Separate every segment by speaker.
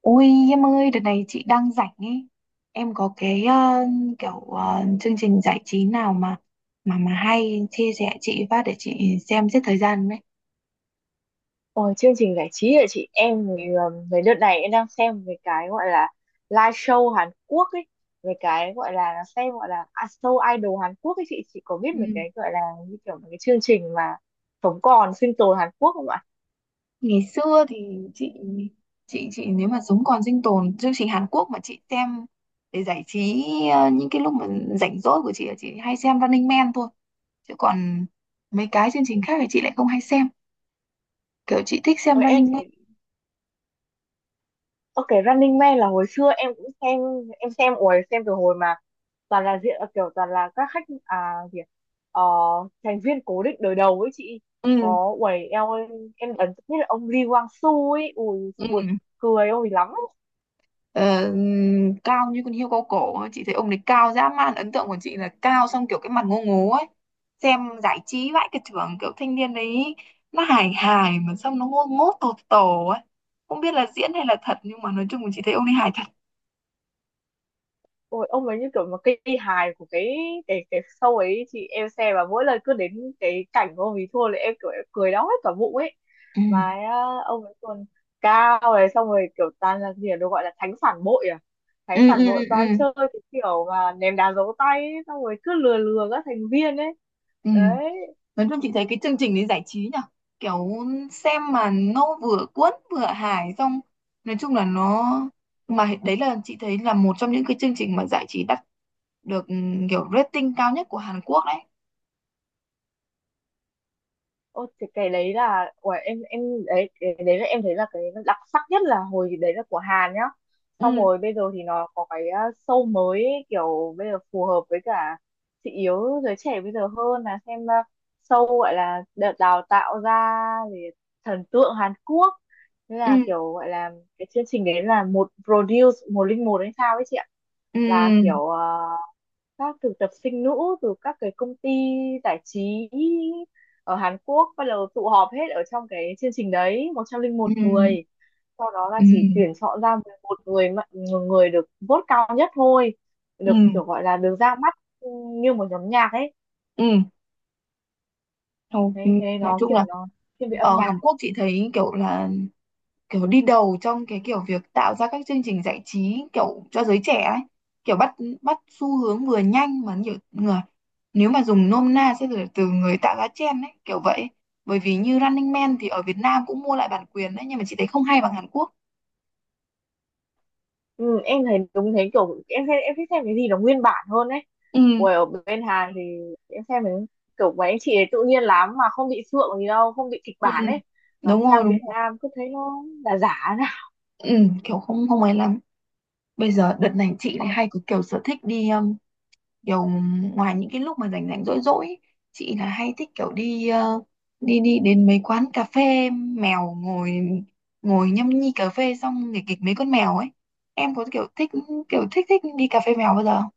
Speaker 1: Ôi, em ơi, đợt này chị đang rảnh ấy. Em có cái kiểu chương trình giải trí nào mà hay chia sẻ chị phát để chị xem giết thời gian đấy.
Speaker 2: Ôi, chương trình giải trí hả chị? Em người người đợt này em đang xem về cái gọi là live show Hàn Quốc ấy, về cái gọi là xem gọi là à, show idol Hàn Quốc ấy. Chị có biết về
Speaker 1: Ừ.
Speaker 2: cái gọi là như kiểu một cái chương trình mà sống còn sinh tồn Hàn Quốc không ạ?
Speaker 1: Ngày xưa thì chị chị nếu mà sống còn sinh tồn chương trình Hàn Quốc mà chị xem để giải trí những cái lúc mà rảnh rỗi của chị là chị hay xem Running Man thôi. Chứ còn mấy cái chương trình khác thì chị lại không hay xem. Kiểu chị thích xem
Speaker 2: Ôi em
Speaker 1: Running
Speaker 2: thì
Speaker 1: Man.
Speaker 2: ok, Running Man là hồi xưa em cũng xem. Em xem ôi xem từ hồi mà toàn là diện kiểu toàn là các khách à gì ạ? Ờ, thành viên cố định đời đầu ấy chị
Speaker 1: Ừ.
Speaker 2: có. Uầy eo ơi, em ấn tượng nhất là ông Lee Kwang Soo ấy, ui
Speaker 1: Ừ.
Speaker 2: buồn cười ôi lắm.
Speaker 1: Ờ, Cao như con hươu cao cổ ấy. Chị thấy ông đấy cao dã man, ấn tượng của chị là cao, xong kiểu cái mặt ngô ngố ấy, xem giải trí vãi cả trưởng, kiểu thanh niên đấy nó hài hài mà xong nó ngô ngố tột tổ ấy, không biết là diễn hay là thật nhưng mà nói chung là chị thấy ông ấy hài thật.
Speaker 2: Ôi ông ấy như kiểu một cây hài của cái show ấy chị, em xem và mỗi lần cứ đến cái cảnh của ông ấy thua là em kiểu em cười đau hết cả bụng ấy.
Speaker 1: Ừ,
Speaker 2: Mà á, ông ấy còn cao này, xong rồi kiểu toàn là gì ạ? Nó gọi là thánh phản bội à,
Speaker 1: ừ,
Speaker 2: thánh
Speaker 1: ừ,
Speaker 2: phản
Speaker 1: ừ,
Speaker 2: bội
Speaker 1: ừ,
Speaker 2: toàn chơi cái kiểu mà ném đá giấu tay ấy, xong rồi cứ lừa lừa các thành viên ấy
Speaker 1: ừ.
Speaker 2: đấy.
Speaker 1: Nói chung chị thấy cái chương trình đấy giải trí nhở, kiểu xem mà nó vừa cuốn vừa hài xong, nói chung là nó, mà đấy là chị thấy là một trong những cái chương trình mà giải trí đắt được, ừ, kiểu rating cao nhất của Hàn Quốc đấy.
Speaker 2: Ô thì cái đấy là của em đấy, cái đấy là em thấy là cái đặc sắc nhất là hồi đấy là của Hàn nhá. Xong
Speaker 1: Ừ,
Speaker 2: rồi bây giờ thì nó có cái show mới ấy, kiểu bây giờ phù hợp với cả thị hiếu giới trẻ bây giờ hơn là xem show gọi là đợt đào tạo ra về thần tượng Hàn Quốc. Thế
Speaker 1: ừ,
Speaker 2: là kiểu gọi là cái chương trình đấy là một produce 101 hay sao ấy chị ạ, là
Speaker 1: ừ,
Speaker 2: kiểu à, các thực tập sinh nữ từ các cái công ty giải trí ở Hàn Quốc bắt đầu tụ họp hết ở trong cái chương trình đấy một trăm linh
Speaker 1: ừ,
Speaker 2: một người, sau đó là
Speaker 1: ừ,
Speaker 2: chỉ tuyển chọn ra 11 người mà- người được vote cao nhất thôi,
Speaker 1: ừ,
Speaker 2: được kiểu gọi là được ra mắt như một nhóm nhạc ấy.
Speaker 1: ừ. Thôi, ừ.
Speaker 2: Đấy cái nên
Speaker 1: Nói
Speaker 2: nó
Speaker 1: chung
Speaker 2: kiểu
Speaker 1: là
Speaker 2: nó thiên về âm
Speaker 1: ở
Speaker 2: nhạc.
Speaker 1: Hàn Quốc chị thấy kiểu là kiểu đi đầu trong cái kiểu việc tạo ra các chương trình giải trí kiểu cho giới trẻ ấy, kiểu bắt bắt xu hướng vừa nhanh mà nhiều người, nếu mà dùng nôm na sẽ là từ người tạo ra trend ấy kiểu vậy. Bởi vì như Running Man thì ở Việt Nam cũng mua lại bản quyền đấy nhưng mà chị thấy không hay bằng Hàn Quốc.
Speaker 2: Ừ, em thấy đúng thế, kiểu em thấy em thích xem cái gì nó nguyên bản hơn ấy.
Speaker 1: Ừ,
Speaker 2: Ui, ở bên Hàn thì em xem cái kiểu mấy anh chị ấy tự nhiên lắm mà không bị sượng gì đâu, không bị kịch
Speaker 1: ừ,
Speaker 2: bản ấy, mà
Speaker 1: đúng rồi,
Speaker 2: sang
Speaker 1: đúng.
Speaker 2: Việt Nam cứ thấy nó là giả ra.
Speaker 1: Ừ, kiểu không không ấy lắm. Bây giờ đợt này chị lại hay có kiểu sở thích đi kiểu ngoài những cái lúc mà rảnh rảnh rỗi rỗi ấy, chị là hay thích kiểu đi đi đi đến mấy quán cà phê mèo, ngồi ngồi nhâm nhi cà phê xong nghịch kịch mấy con mèo ấy. Em có kiểu thích thích đi cà phê mèo bao giờ không?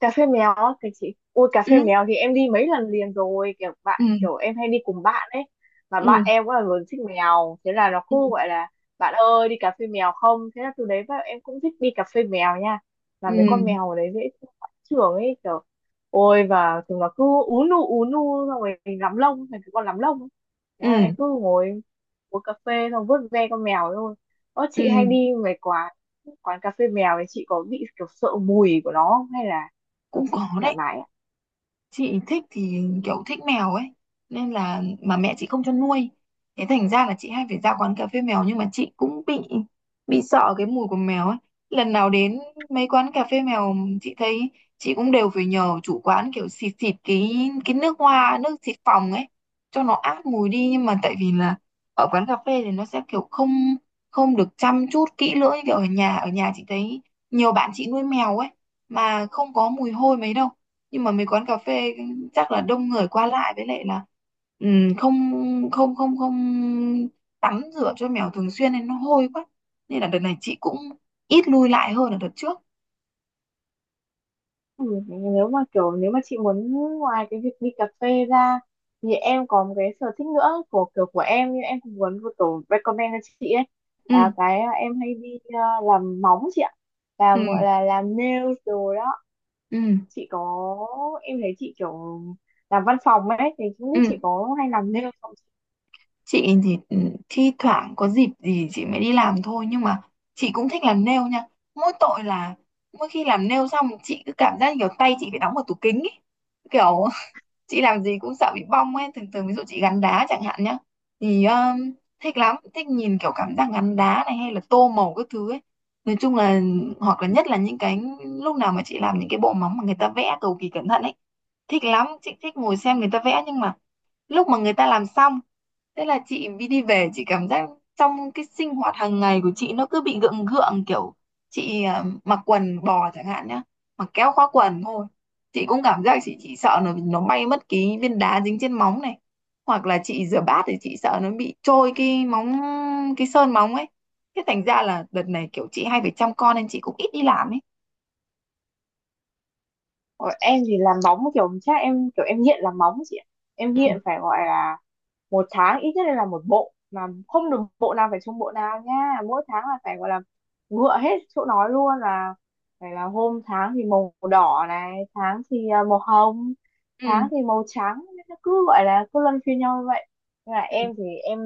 Speaker 2: Cà phê méo á, cái chị ôi cà
Speaker 1: Ừ,
Speaker 2: phê mèo thì em đi mấy lần liền rồi, kiểu
Speaker 1: ừ,
Speaker 2: bạn kiểu em hay đi cùng bạn ấy. Mà bạn
Speaker 1: ừ,
Speaker 2: em cũng là người thích mèo thế là nó
Speaker 1: ừ,
Speaker 2: cứ gọi là bạn ơi đi cà phê mèo không, thế là từ đấy vào em cũng thích đi cà phê mèo nha. Và mấy con
Speaker 1: ừ,
Speaker 2: mèo ở đấy dễ trưởng ấy kiểu, ôi và chúng nó cứ ú nu xong rồi mình lắm lông thành cái con lắm lông ấy. Thế là em
Speaker 1: ừ,
Speaker 2: cứ ngồi uống cà phê xong vuốt ve con mèo thôi. Ơ chị
Speaker 1: ừ.
Speaker 2: hay đi mấy quán quán cà phê mèo thì chị có bị kiểu sợ mùi của nó không? Hay là... Ờ,
Speaker 1: Cũng
Speaker 2: chị
Speaker 1: có
Speaker 2: thoải
Speaker 1: đấy.
Speaker 2: mái ạ.
Speaker 1: Chị thích thì kiểu thích mèo ấy nên là mà mẹ chị không cho nuôi, thế thành ra là chị hay phải ra quán cà phê mèo nhưng mà chị cũng bị sợ cái mùi của mèo ấy. Lần nào đến mấy quán cà phê mèo chị thấy chị cũng đều phải nhờ chủ quán kiểu xịt xịt cái nước hoa nước xịt phòng ấy cho nó át mùi đi, nhưng mà tại vì là ở quán cà phê thì nó sẽ kiểu không không được chăm chút kỹ lưỡng như kiểu ở nhà. Chị thấy nhiều bạn chị nuôi mèo ấy mà không có mùi hôi mấy đâu, nhưng mà mấy quán cà phê chắc là đông người qua lại, với lại là không không không không tắm rửa cho mèo thường xuyên nên nó hôi quá. Nên là đợt này chị cũng ít lui lại hơn là đợt trước.
Speaker 2: Ừ, nếu mà kiểu nếu mà chị muốn ngoài cái việc đi cà phê ra thì em có một cái sở thích nữa của kiểu của em, nhưng em cũng muốn một tổ recommend cho chị ấy,
Speaker 1: ừ,
Speaker 2: là cái à, em hay đi làm móng chị ạ, làm
Speaker 1: ừ,
Speaker 2: gọi là làm nails rồi đó.
Speaker 1: ừ,
Speaker 2: Chị có, em thấy chị kiểu làm văn phòng ấy thì không biết
Speaker 1: ừ.
Speaker 2: chị có hay làm nails không.
Speaker 1: Chị thì thi thoảng có dịp gì chị mới đi làm thôi nhưng mà chị cũng thích làm nail nha. Mỗi tội là mỗi khi làm nail xong chị cứ cảm giác kiểu tay chị phải đóng vào tủ kính ấy, kiểu chị làm gì cũng sợ bị bong ấy, thường thường ví dụ chị gắn đá chẳng hạn nhá, thì thích lắm, thích nhìn kiểu cảm giác gắn đá này hay là tô màu các thứ ấy. Nói chung là hoặc là nhất là những cái lúc nào mà chị làm những cái bộ móng mà người ta vẽ cầu kỳ cẩn thận ấy, thích lắm, chị thích ngồi xem người ta vẽ nhưng mà lúc mà người ta làm xong, thế là chị đi đi về, chị cảm giác trong cái sinh hoạt hàng ngày của chị nó cứ bị gượng gượng, kiểu chị mặc quần bò chẳng hạn nhá, mặc kéo khóa quần thôi chị cũng cảm giác chị chỉ sợ nó bay mất cái viên đá dính trên móng này, hoặc là chị rửa bát thì chị sợ nó bị trôi cái móng, cái sơn móng ấy. Thế thành ra là đợt này kiểu chị hay phải chăm con nên chị cũng ít đi làm ấy.
Speaker 2: Ờ, em thì làm móng kiểu chắc em kiểu em nghiện làm móng chị ạ. Em
Speaker 1: Ừ,
Speaker 2: nghiện phải gọi là một tháng ít nhất là một bộ, mà không được bộ nào phải chung bộ nào nha, mỗi tháng là phải gọi là ngựa hết chỗ nói luôn, là phải là hôm tháng thì màu đỏ này, tháng thì màu hồng, tháng
Speaker 1: ừ,
Speaker 2: thì màu trắng, nó cứ gọi là cứ luân phiên nhau như vậy. Nên là
Speaker 1: ừ,
Speaker 2: em thì em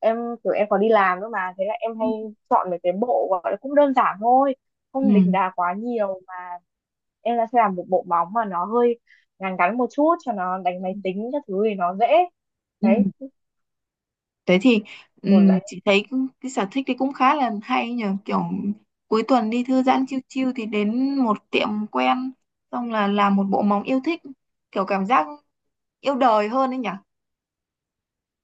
Speaker 2: em kiểu em còn đi làm nữa mà, thế là em
Speaker 1: ừ,
Speaker 2: hay chọn mấy cái bộ gọi là cũng đơn giản thôi,
Speaker 1: ừ,
Speaker 2: không đỉnh đà quá nhiều mà. Em là sẽ làm một bộ móng mà nó hơi ngắn ngắn một chút cho nó đánh máy tính các thứ thì nó dễ
Speaker 1: ừ.
Speaker 2: đấy,
Speaker 1: Thế thì ừ,
Speaker 2: kiểu đánh.
Speaker 1: chị thấy cái sở thích thì cũng khá là hay nhờ, kiểu cuối tuần đi thư giãn chiêu chiêu thì đến một tiệm quen, xong là làm một bộ móng yêu thích, kiểu cảm giác yêu đời hơn ấy nhỉ.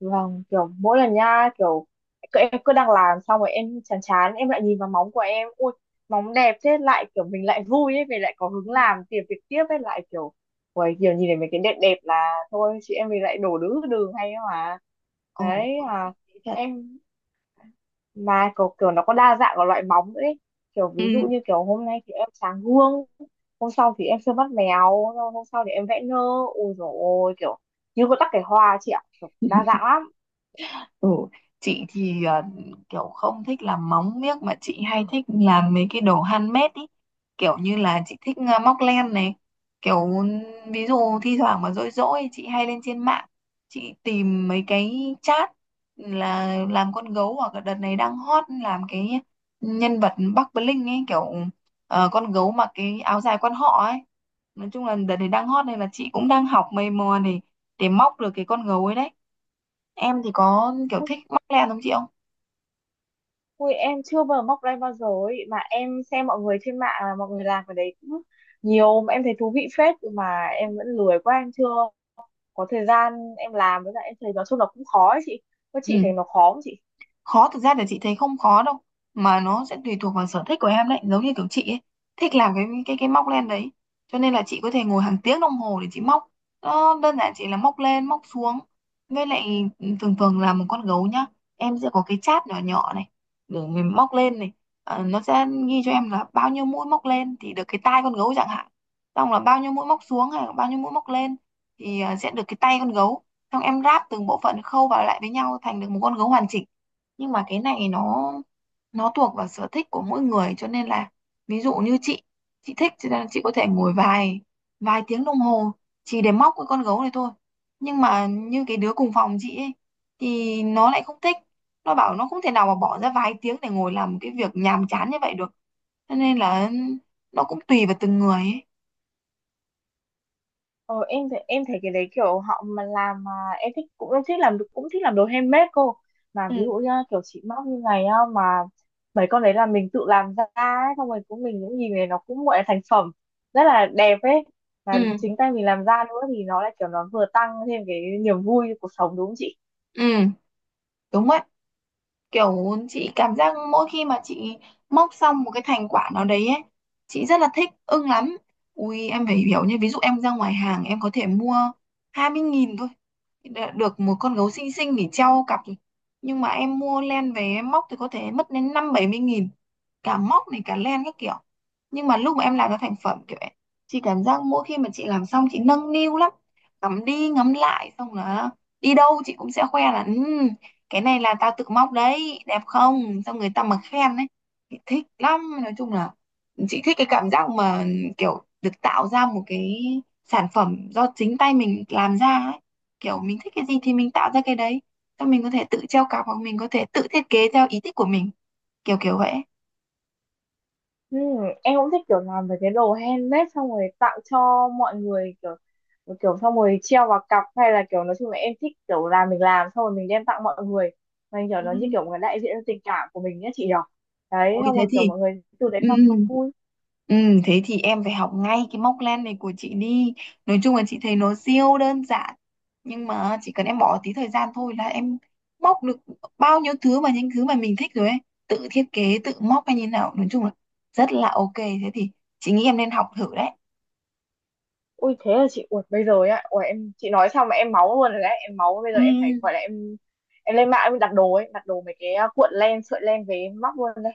Speaker 2: Vâng, kiểu mỗi lần nha kiểu cứ- em cứ đang làm xong rồi em chán chán em lại nhìn vào móng của em, ui móng đẹp thế lại kiểu mình lại vui ấy, mình lại có hứng làm tìm việc tiếp ấy, lại kiểu ui kiểu nhìn thấy mấy cái đẹp đẹp là thôi chị em mình lại đổ đứa đường hay ấy mà.
Speaker 1: Ồ,
Speaker 2: Đấy
Speaker 1: có khi
Speaker 2: à,
Speaker 1: thế thật.
Speaker 2: em mà kiểu, kiểu nó có đa dạng của loại móng nữa ấy. Kiểu
Speaker 1: Ừ.
Speaker 2: ví dụ như kiểu hôm nay thì em sáng gương, hôm sau thì em sơn mắt mèo, rồi hôm sau thì em vẽ nơ, ôi dồi ôi kiểu như có tắc kẻ hoa chị ạ, kiểu đa dạng lắm.
Speaker 1: Ừ, chị thì kiểu không thích làm móng miếc mà chị hay thích làm mấy cái đồ handmade ý. Kiểu như là chị thích móc len này. Kiểu ví dụ thi thoảng mà rỗi rỗi chị hay lên trên mạng, chị tìm mấy cái chat là làm con gấu, hoặc là đợt này đang hot làm cái nhân vật Bắc Bling ấy, kiểu con gấu mặc cái áo dài quan họ ấy. Nói chung là đợt này đang hot nên là chị cũng đang học mày mò để móc được cái con gấu ấy đấy. Em thì có kiểu
Speaker 2: Ui,
Speaker 1: thích mắc len không chị không?
Speaker 2: ui em chưa bao giờ móc ra bao giờ ấy mà, em xem mọi người trên mạng là mọi người làm cái đấy cũng nhiều mà em thấy thú vị phết, mà em vẫn lười quá em chưa có thời gian em làm, với lại em thấy nói chung là cũng khó ấy chị có,
Speaker 1: Ừ.
Speaker 2: chị thấy nó khó không chị?
Speaker 1: Khó thực ra là chị thấy không khó đâu mà nó sẽ tùy thuộc vào sở thích của em đấy, giống như kiểu chị ấy thích làm cái móc len đấy cho nên là chị có thể ngồi hàng tiếng đồng hồ để chị móc, nó đơn giản chỉ là móc lên móc xuống. Với lại thường thường là một con gấu nhá, em sẽ có cái chát nhỏ nhỏ này để mình móc lên này. Nó sẽ ghi cho em là bao nhiêu mũi móc lên thì được cái tai con gấu chẳng hạn, xong là bao nhiêu mũi móc xuống hay là bao nhiêu mũi móc lên thì sẽ được cái tay con gấu, xong em ráp từng bộ phận khâu vào lại với nhau thành được một con gấu hoàn chỉnh. Nhưng mà cái này nó thuộc vào sở thích của mỗi người cho nên là ví dụ như chị thích cho nên chị có thể ngồi vài vài tiếng đồng hồ chỉ để móc cái con gấu này thôi. Nhưng mà như cái đứa cùng phòng chị ấy thì nó lại không thích, nó bảo nó không thể nào mà bỏ ra vài tiếng để ngồi làm cái việc nhàm chán như vậy được, cho nên là nó cũng tùy vào từng người ấy.
Speaker 2: Ờ, em thấy cái đấy kiểu họ mà làm mà em thích cũng em thích làm, cũng thích làm đồ handmade cô, mà
Speaker 1: Ừ.
Speaker 2: ví dụ như kiểu chị móc như này á, mà mấy con đấy là mình tự làm ra ấy, xong rồi cũng mình cũng nhìn này nó cũng gọi là thành phẩm rất là đẹp ấy, và
Speaker 1: Ừ,
Speaker 2: chính tay mình làm ra nữa thì nó lại kiểu nó vừa tăng thêm cái niềm vui cho cuộc sống đúng không chị?
Speaker 1: ừ, đúng vậy. Kiểu chị cảm giác mỗi khi mà chị móc xong một cái thành quả nào đấy ấy, chị rất là thích, ưng lắm. Ui em phải hiểu nha, ví dụ em ra ngoài hàng em có thể mua 20.000 thôi đã được một con gấu xinh xinh để treo cặp rồi, nhưng mà em mua len về em móc thì có thể mất đến 50-70 nghìn, cả móc này cả len các kiểu. Nhưng mà lúc mà em làm ra thành phẩm kiểu ấy, chị cảm giác mỗi khi mà chị làm xong chị nâng niu lắm, ngắm đi ngắm lại, xong là đi đâu chị cũng sẽ khoe là ừ cái này là tao tự móc đấy đẹp không, xong người ta mà khen ấy thì thích lắm. Nói chung là chị thích cái cảm giác mà kiểu được tạo ra một cái sản phẩm do chính tay mình làm ra ấy, kiểu mình thích cái gì thì mình tạo ra cái đấy, xong mình có thể tự treo cặp hoặc mình có thể tự thiết kế theo ý thích của mình, kiểu kiểu vậy.
Speaker 2: Ừ, em cũng thích kiểu làm về cái đồ handmade xong rồi tặng cho mọi người, kiểu kiểu xong rồi treo vào cặp hay là kiểu nói chung là em thích kiểu làm mình làm xong rồi mình đem tặng mọi người, mình kiểu
Speaker 1: Ừ.
Speaker 2: nó như kiểu một cái đại diện cho tình cảm của mình nhé chị nhỉ. Đấy,
Speaker 1: Ôi
Speaker 2: xong rồi kiểu mọi người từ đấy
Speaker 1: ừ,
Speaker 2: mà không vui.
Speaker 1: Ừ, thế thì em phải học ngay cái móc len này của chị đi. Nói chung là chị thấy nó siêu đơn giản. Nhưng mà chỉ cần em bỏ tí thời gian thôi là em móc được bao nhiêu thứ mà những thứ mà mình thích rồi ấy. Tự thiết kế, tự móc hay như nào. Nói chung là rất là ok. Thế thì chị nghĩ em nên học thử đấy.
Speaker 2: Ui thế là chị uột bây giờ á, ui em chị nói xong mà em máu luôn rồi đấy, em máu bây giờ
Speaker 1: Ừ.
Speaker 2: em phải gọi là em lên mạng em đặt đồ ấy, đặt đồ mấy cái cuộn len sợi len về em móc luôn đây.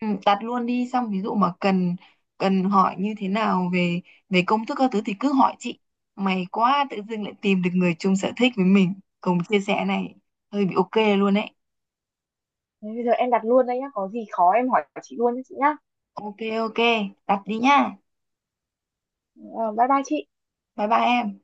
Speaker 1: Ừ, đặt luôn đi. Xong ví dụ mà cần cần hỏi như thế nào về về công thức các thứ thì cứ hỏi chị. May quá tự dưng lại tìm được người chung sở thích với mình, cùng chia sẻ này, hơi bị ok luôn đấy.
Speaker 2: Thế bây giờ em đặt luôn đây nhá, có gì khó em hỏi chị luôn nhé chị nhá.
Speaker 1: Ok, ok. Đặt đi nha.
Speaker 2: Ờ, bye bye chị.
Speaker 1: Bye bye em.